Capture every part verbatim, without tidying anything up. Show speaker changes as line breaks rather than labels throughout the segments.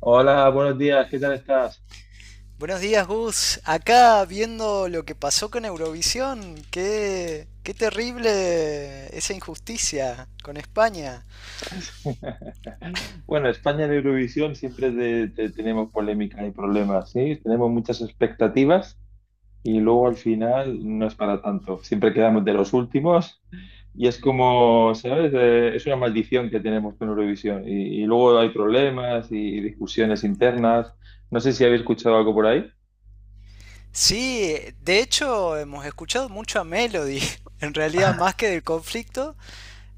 Hola, buenos días, ¿qué tal estás?
Buenos días, Gus. Acá viendo lo que pasó con Eurovisión. Qué, qué terrible esa injusticia con España.
Bueno, España en Eurovisión siempre te- te- tenemos polémicas y problemas, ¿sí? Tenemos muchas expectativas y luego al final no es para tanto. Siempre quedamos de los últimos y es como, ¿sabes? Eh, es una maldición que tenemos con Eurovisión y, y luego hay problemas y, y discusiones internas. No sé si habéis escuchado algo por ahí.
Sí, de hecho hemos escuchado mucho a Melody. En realidad, más que del conflicto,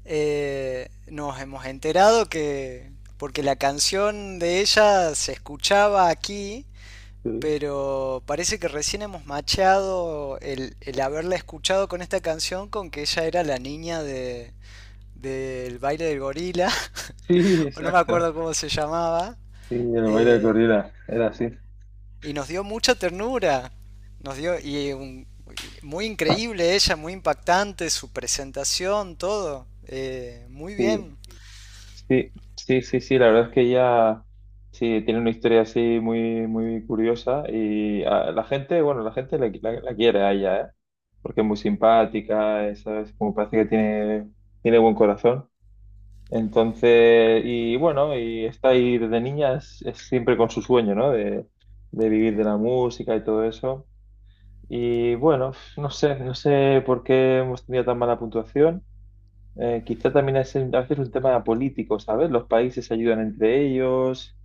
eh, nos hemos enterado que... Porque la canción de ella se escuchaba aquí,
Sí.
pero parece que recién hemos machado el, el haberla escuchado con esta canción con que ella era la niña de, del baile del gorila,
Sí,
o no me
exacto.
acuerdo cómo se llamaba,
Sí, el baile de
eh,
corrida, era así.
y nos dio mucha ternura. Nos dio, y un- Muy increíble ella, muy impactante, su presentación, todo. Eh, muy
Sí.
bien.
Sí, sí, sí, sí, la verdad es que ella sí tiene una historia así muy, muy curiosa y a la gente, bueno, la gente la, la- la quiere a ella, ¿eh? Porque es muy simpática, es, ¿sabes? Como parece que tiene, tiene buen corazón. Entonces, y bueno, y está ahí desde niña, es, es siempre con su sueño, ¿no? De, de vivir de la música y todo eso. Y bueno, no sé, no sé por qué hemos tenido tan mala puntuación. Eh, quizá también es un- a veces un tema político, ¿sabes? Los países se ayudan entre ellos.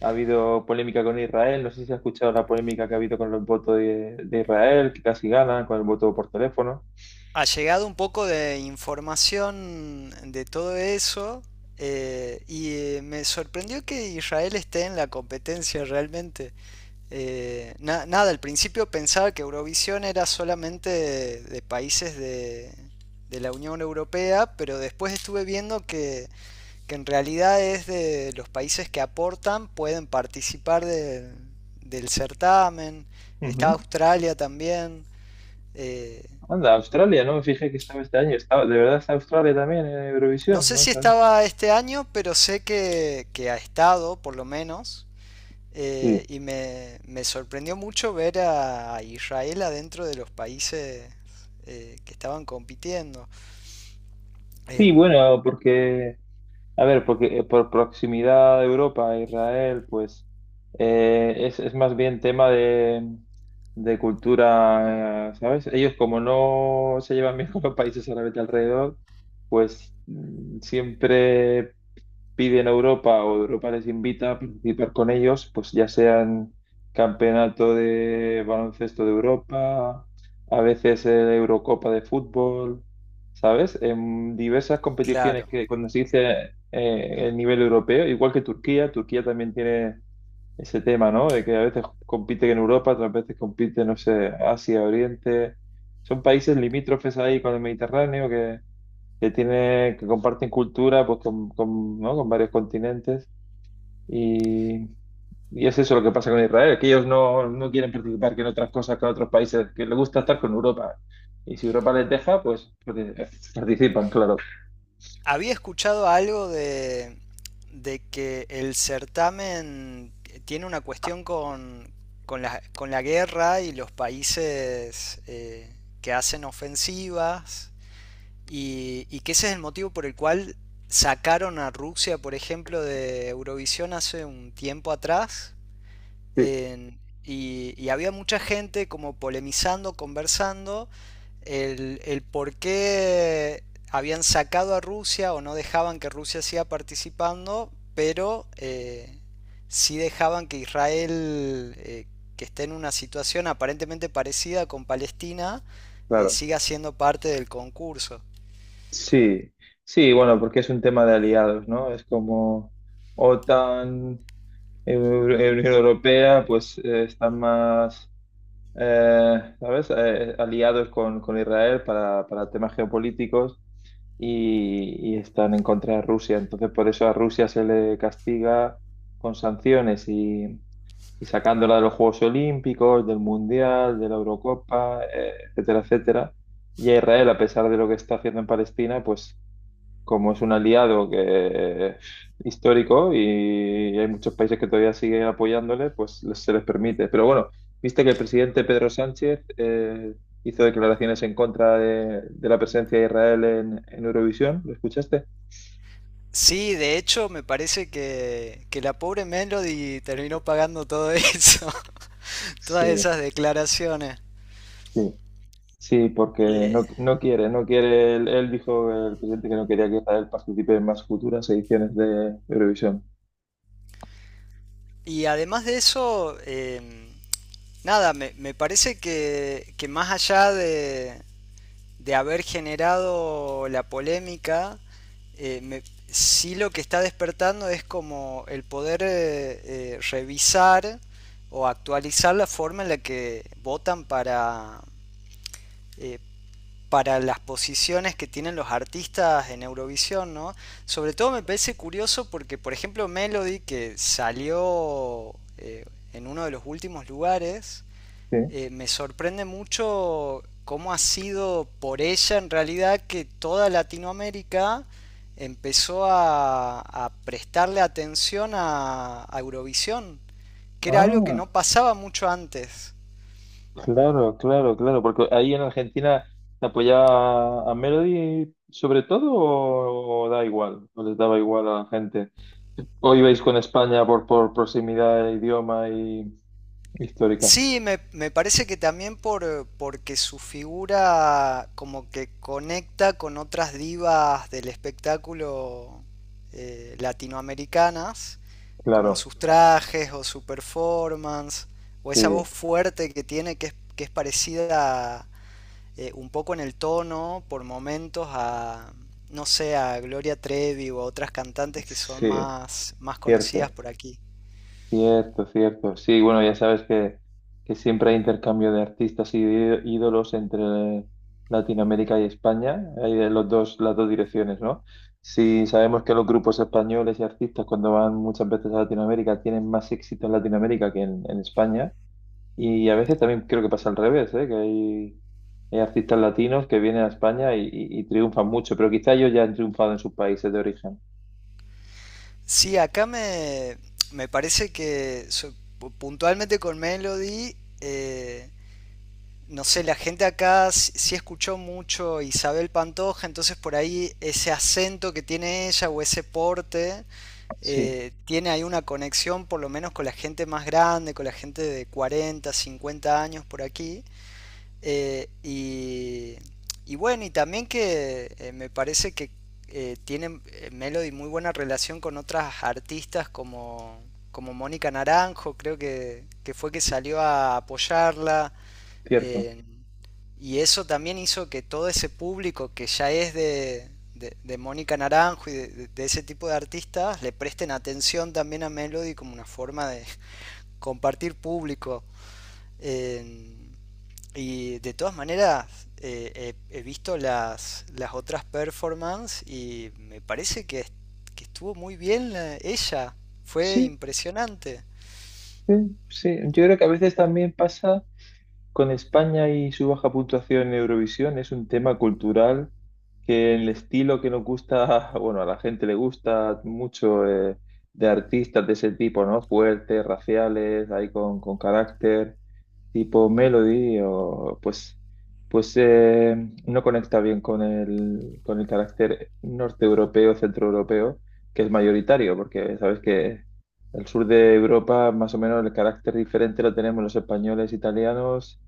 Ha habido polémica con Israel. No sé si has escuchado la polémica que ha habido con los votos de, de Israel, que casi ganan con el voto por teléfono.
Ha llegado un poco de información de todo eso. eh, y eh, Me sorprendió que Israel esté en la competencia realmente. Eh, na- nada, al principio pensaba que Eurovisión era solamente de, de países de, de la Unión Europea, pero después estuve viendo que, que en realidad es de los países que aportan, pueden participar de- del certamen. Está
Ujú.
Australia también. eh,
Anda, Australia, no me fijé que estaba este año. Estaba, de verdad está Australia también en
no
Eurovisión,
sé
¿no?
si
¿Sabes?
estaba este año, pero sé que, que ha estado, por lo menos.
Sí.
Eh, y me, me sorprendió mucho ver a Israel adentro de los países eh, que estaban compitiendo.
Sí,
En,
bueno, porque a ver, porque eh, por proximidad a Europa a Israel, pues eh, es, es más bien tema de, de cultura, eh, ¿sabes? Ellos como no se llevan bien con los países árabes de alrededor, pues mm, siempre piden a Europa o Europa les invita a participar con ellos, pues ya sean campeonato de baloncesto de Europa, a veces eh, Eurocopa de fútbol, ¿sabes? En diversas competiciones
claro.
que cuando se dice eh, el nivel europeo, igual que Turquía, Turquía también tiene ese tema, ¿no? De que a veces compite en Europa, otras veces compite, no sé, Asia, Oriente. Son países limítrofes ahí con el Mediterráneo que que tiene, que comparten cultura pues, con, con, ¿no? Con varios continentes. Y, y es eso lo que pasa con Israel, que ellos no, no quieren participar que en otras cosas que en otros países, que les gusta estar con Europa. Y si Europa les deja, pues porque- participan, claro.
Había escuchado algo de, de que el certamen tiene una cuestión con, con, la, con la guerra y los países eh, que hacen ofensivas y, y que ese es el motivo por el cual sacaron a Rusia, por ejemplo, de Eurovisión hace un tiempo atrás
Sí,
en- y, y había mucha gente como polemizando, conversando, el, el por qué habían sacado a Rusia o no dejaban que Rusia siga participando, pero eh, sí dejaban que Israel, eh, que esté en una situación aparentemente parecida con Palestina, eh,
claro.
siga siendo parte del concurso.
Sí, sí, bueno, porque es un tema de aliados, ¿no? Es como OTAN, Eu- Unión Europea, pues eh, están más, eh, ¿sabes? Eh, aliados con, con Israel para, para temas geopolíticos y, y están en contra de Rusia. Entonces, por eso a Rusia se le castiga con sanciones y, y sacándola de los Juegos Olímpicos, del Mundial, de la Eurocopa, eh, etcétera, etcétera. Y a Israel, a pesar de lo que está haciendo en Palestina, pues como es un aliado que es histórico y hay muchos países que todavía siguen apoyándole, pues les- se les permite. Pero bueno, viste que el presidente Pedro Sánchez eh, hizo declaraciones en contra de, de la presencia de Israel en, en Eurovisión, ¿lo escuchaste?
Sí, de hecho, me parece que, que la pobre Melody terminó pagando todo eso, todas
Sí,
esas declaraciones.
sí, sí, porque
Eh,
no, no quiere, no quiere, él, él dijo, el presidente, que no quería que Israel participe en más futuras ediciones de Eurovisión.
y además de eso, eh, nada, me, me parece que, que más allá de, de haber generado la polémica, eh, me- sí lo que está despertando es como el poder eh, eh, revisar o actualizar la forma en la que votan para, eh, para las posiciones que tienen los artistas en Eurovisión, ¿no? Sobre todo me parece curioso porque, por ejemplo, Melody, que salió eh, en uno de los últimos lugares,
Sí.
eh, me sorprende mucho cómo ha sido por ella en realidad que toda Latinoamérica empezó a, a prestarle atención a, a Eurovisión, que era algo que
Ah.
no pasaba mucho antes.
Claro, claro, claro, porque ahí en Argentina te apoyaba a Melody sobre todo o, o da igual, o les daba igual a la gente. O ibais con España por, por proximidad de idioma y histórica.
Sí, me, me parece que también por, porque su figura como que conecta con otras divas del espectáculo eh, latinoamericanas, como
Claro,
sus trajes o su performance, o esa
sí,
voz fuerte que tiene que es, que es parecida eh, un poco en el tono por momentos a, no sé, a Gloria Trevi o a otras cantantes que son
sí,
más, más conocidas
cierto.
por aquí.
Cierto, cierto. Sí, bueno, ya sabes que, que siempre hay intercambio de artistas y de ídolos entre Latinoamérica y España. Hay de los dos, las dos direcciones, ¿no? Sí, sabemos que los grupos españoles y artistas cuando van muchas veces a Latinoamérica tienen más éxito en Latinoamérica que en, en España. Y a veces también creo que pasa al revés, ¿eh? Que hay, hay artistas latinos que vienen a España y, y- y triunfan mucho, pero quizá ellos ya han triunfado en sus países de origen.
Sí, acá me, me parece que so- pu- puntualmente con Melody, eh, no sé, la gente acá sí sí escuchó mucho Isabel Pantoja, entonces por ahí ese acento que tiene ella o ese porte,
Sí,
eh, tiene ahí una conexión por lo menos con la gente más grande, con la gente de cuarenta, cincuenta años por aquí. Eh, y, y bueno, y también que eh, me parece que eh, tiene eh, Melody muy buena relación con otras artistas como, como Mónica Naranjo, creo que, que fue que salió a apoyarla.
cierto.
eh, y eso también hizo que todo ese público que ya es de, de, de Mónica Naranjo y de, de- de ese tipo de artistas le presten atención también a Melody como una forma de compartir público. Eh, y de todas maneras, eh, he, he visto las, las otras performances y me parece que, que estuvo muy bien ella. Fue
Sí.
impresionante.
Sí, sí, yo creo que a veces también pasa. Con España y su baja puntuación en Eurovisión es un tema cultural que el estilo que nos gusta, bueno, a la gente le gusta mucho eh, de artistas de ese tipo, ¿no? Fuertes, raciales, ahí con, con carácter, tipo Melody, o pues, pues eh, no conecta bien con el, con el carácter norte europeo, centro europeo, que es mayoritario, porque sabes que el sur de Europa, más o menos el carácter diferente lo tenemos los españoles, italianos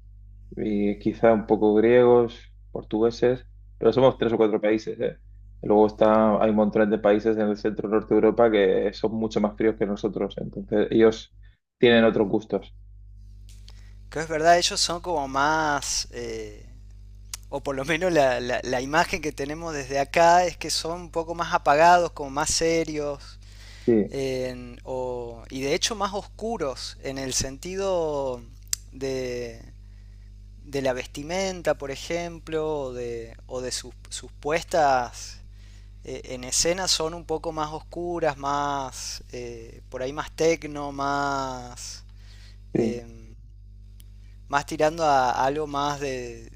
y quizá un poco griegos, portugueses, pero somos tres o cuatro países, ¿eh? Luego está, hay un montón de países en el centro norte de Europa que son mucho más fríos que nosotros, entonces ellos tienen otros gustos.
Que es verdad, ellos son como más, eh, o por lo menos la, la- la imagen que tenemos desde acá es que son un poco más apagados, como más serios,
Sí,
en- o- y de hecho más oscuros en el sentido de, de la vestimenta, por ejemplo, o de, o de sus, sus puestas eh, en escena son un poco más oscuras, más eh, por ahí más tecno, más
sí,
eh, más tirando a algo más de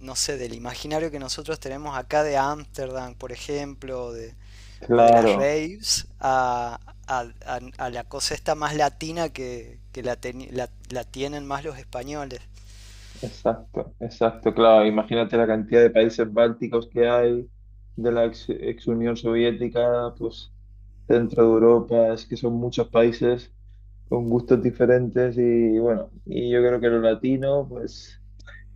no sé, del imaginario que nosotros tenemos acá de Ámsterdam, por ejemplo, de, o de las
claro,
raves, a, a, a- a la cosa esta más latina que, que la, teni- la- la tienen más los españoles.
exacto, exacto, claro. Imagínate la cantidad de países bálticos que hay, de la ex, ex Unión Soviética, pues centro de Europa, es que son muchos países con gustos diferentes y bueno, y yo creo que lo latino, pues...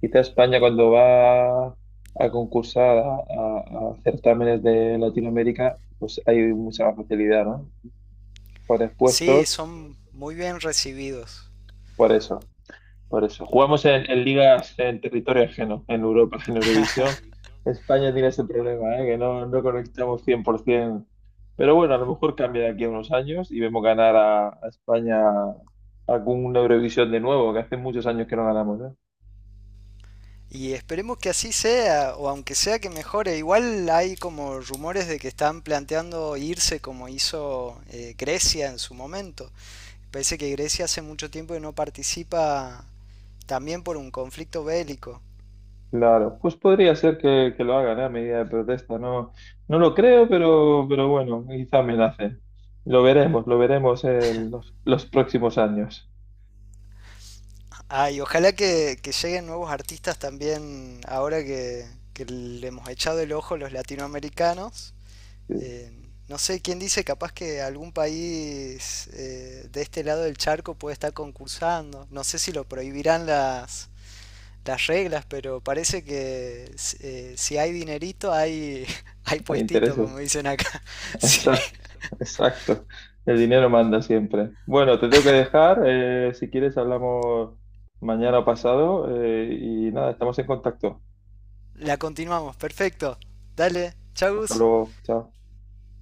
Quizá España cuando va a concursar a, a- a certámenes de Latinoamérica, pues hay mucha más facilidad, ¿no? Por
Sí,
expuestos,
son muy bien recibidos.
por eso, por eso. Jugamos en, en ligas en territorio ajeno, en Europa, en Eurovisión. España tiene ese problema, ¿eh? Que no, no conectamos cien por ciento. Pero bueno, a lo mejor cambia de aquí a unos años y vemos ganar a, a España algún Eurovisión de nuevo, que hace muchos años que no ganamos, ¿eh?
Y esperemos que así sea, o aunque sea que mejore. Igual hay como rumores de que están planteando irse como hizo eh, Grecia en su momento. Parece que Grecia hace mucho tiempo que no participa también por un conflicto bélico.
Claro, pues podría ser que, que lo hagan, ¿eh? A medida de protesta. No, no lo creo, pero, pero bueno, quizá me la hacen. Lo veremos, lo veremos en los, los próximos años.
Ah, y ojalá que, que lleguen nuevos artistas también ahora que, que le hemos echado el ojo los latinoamericanos.
Sí,
Eh, no sé quién dice, capaz que algún país eh, de este lado del charco puede estar concursando. No sé si lo prohibirán las, las reglas, pero parece que eh, si hay dinerito, hay, hay
hay
puestito,
intereses.
como dicen acá. Sí.
Exacto, exacto. El dinero manda siempre. Bueno, te tengo que dejar. Eh, si quieres, hablamos mañana o pasado. Eh, y nada, estamos en contacto.
La continuamos, perfecto. Dale, chau
Hasta
Gus.
luego. Chao.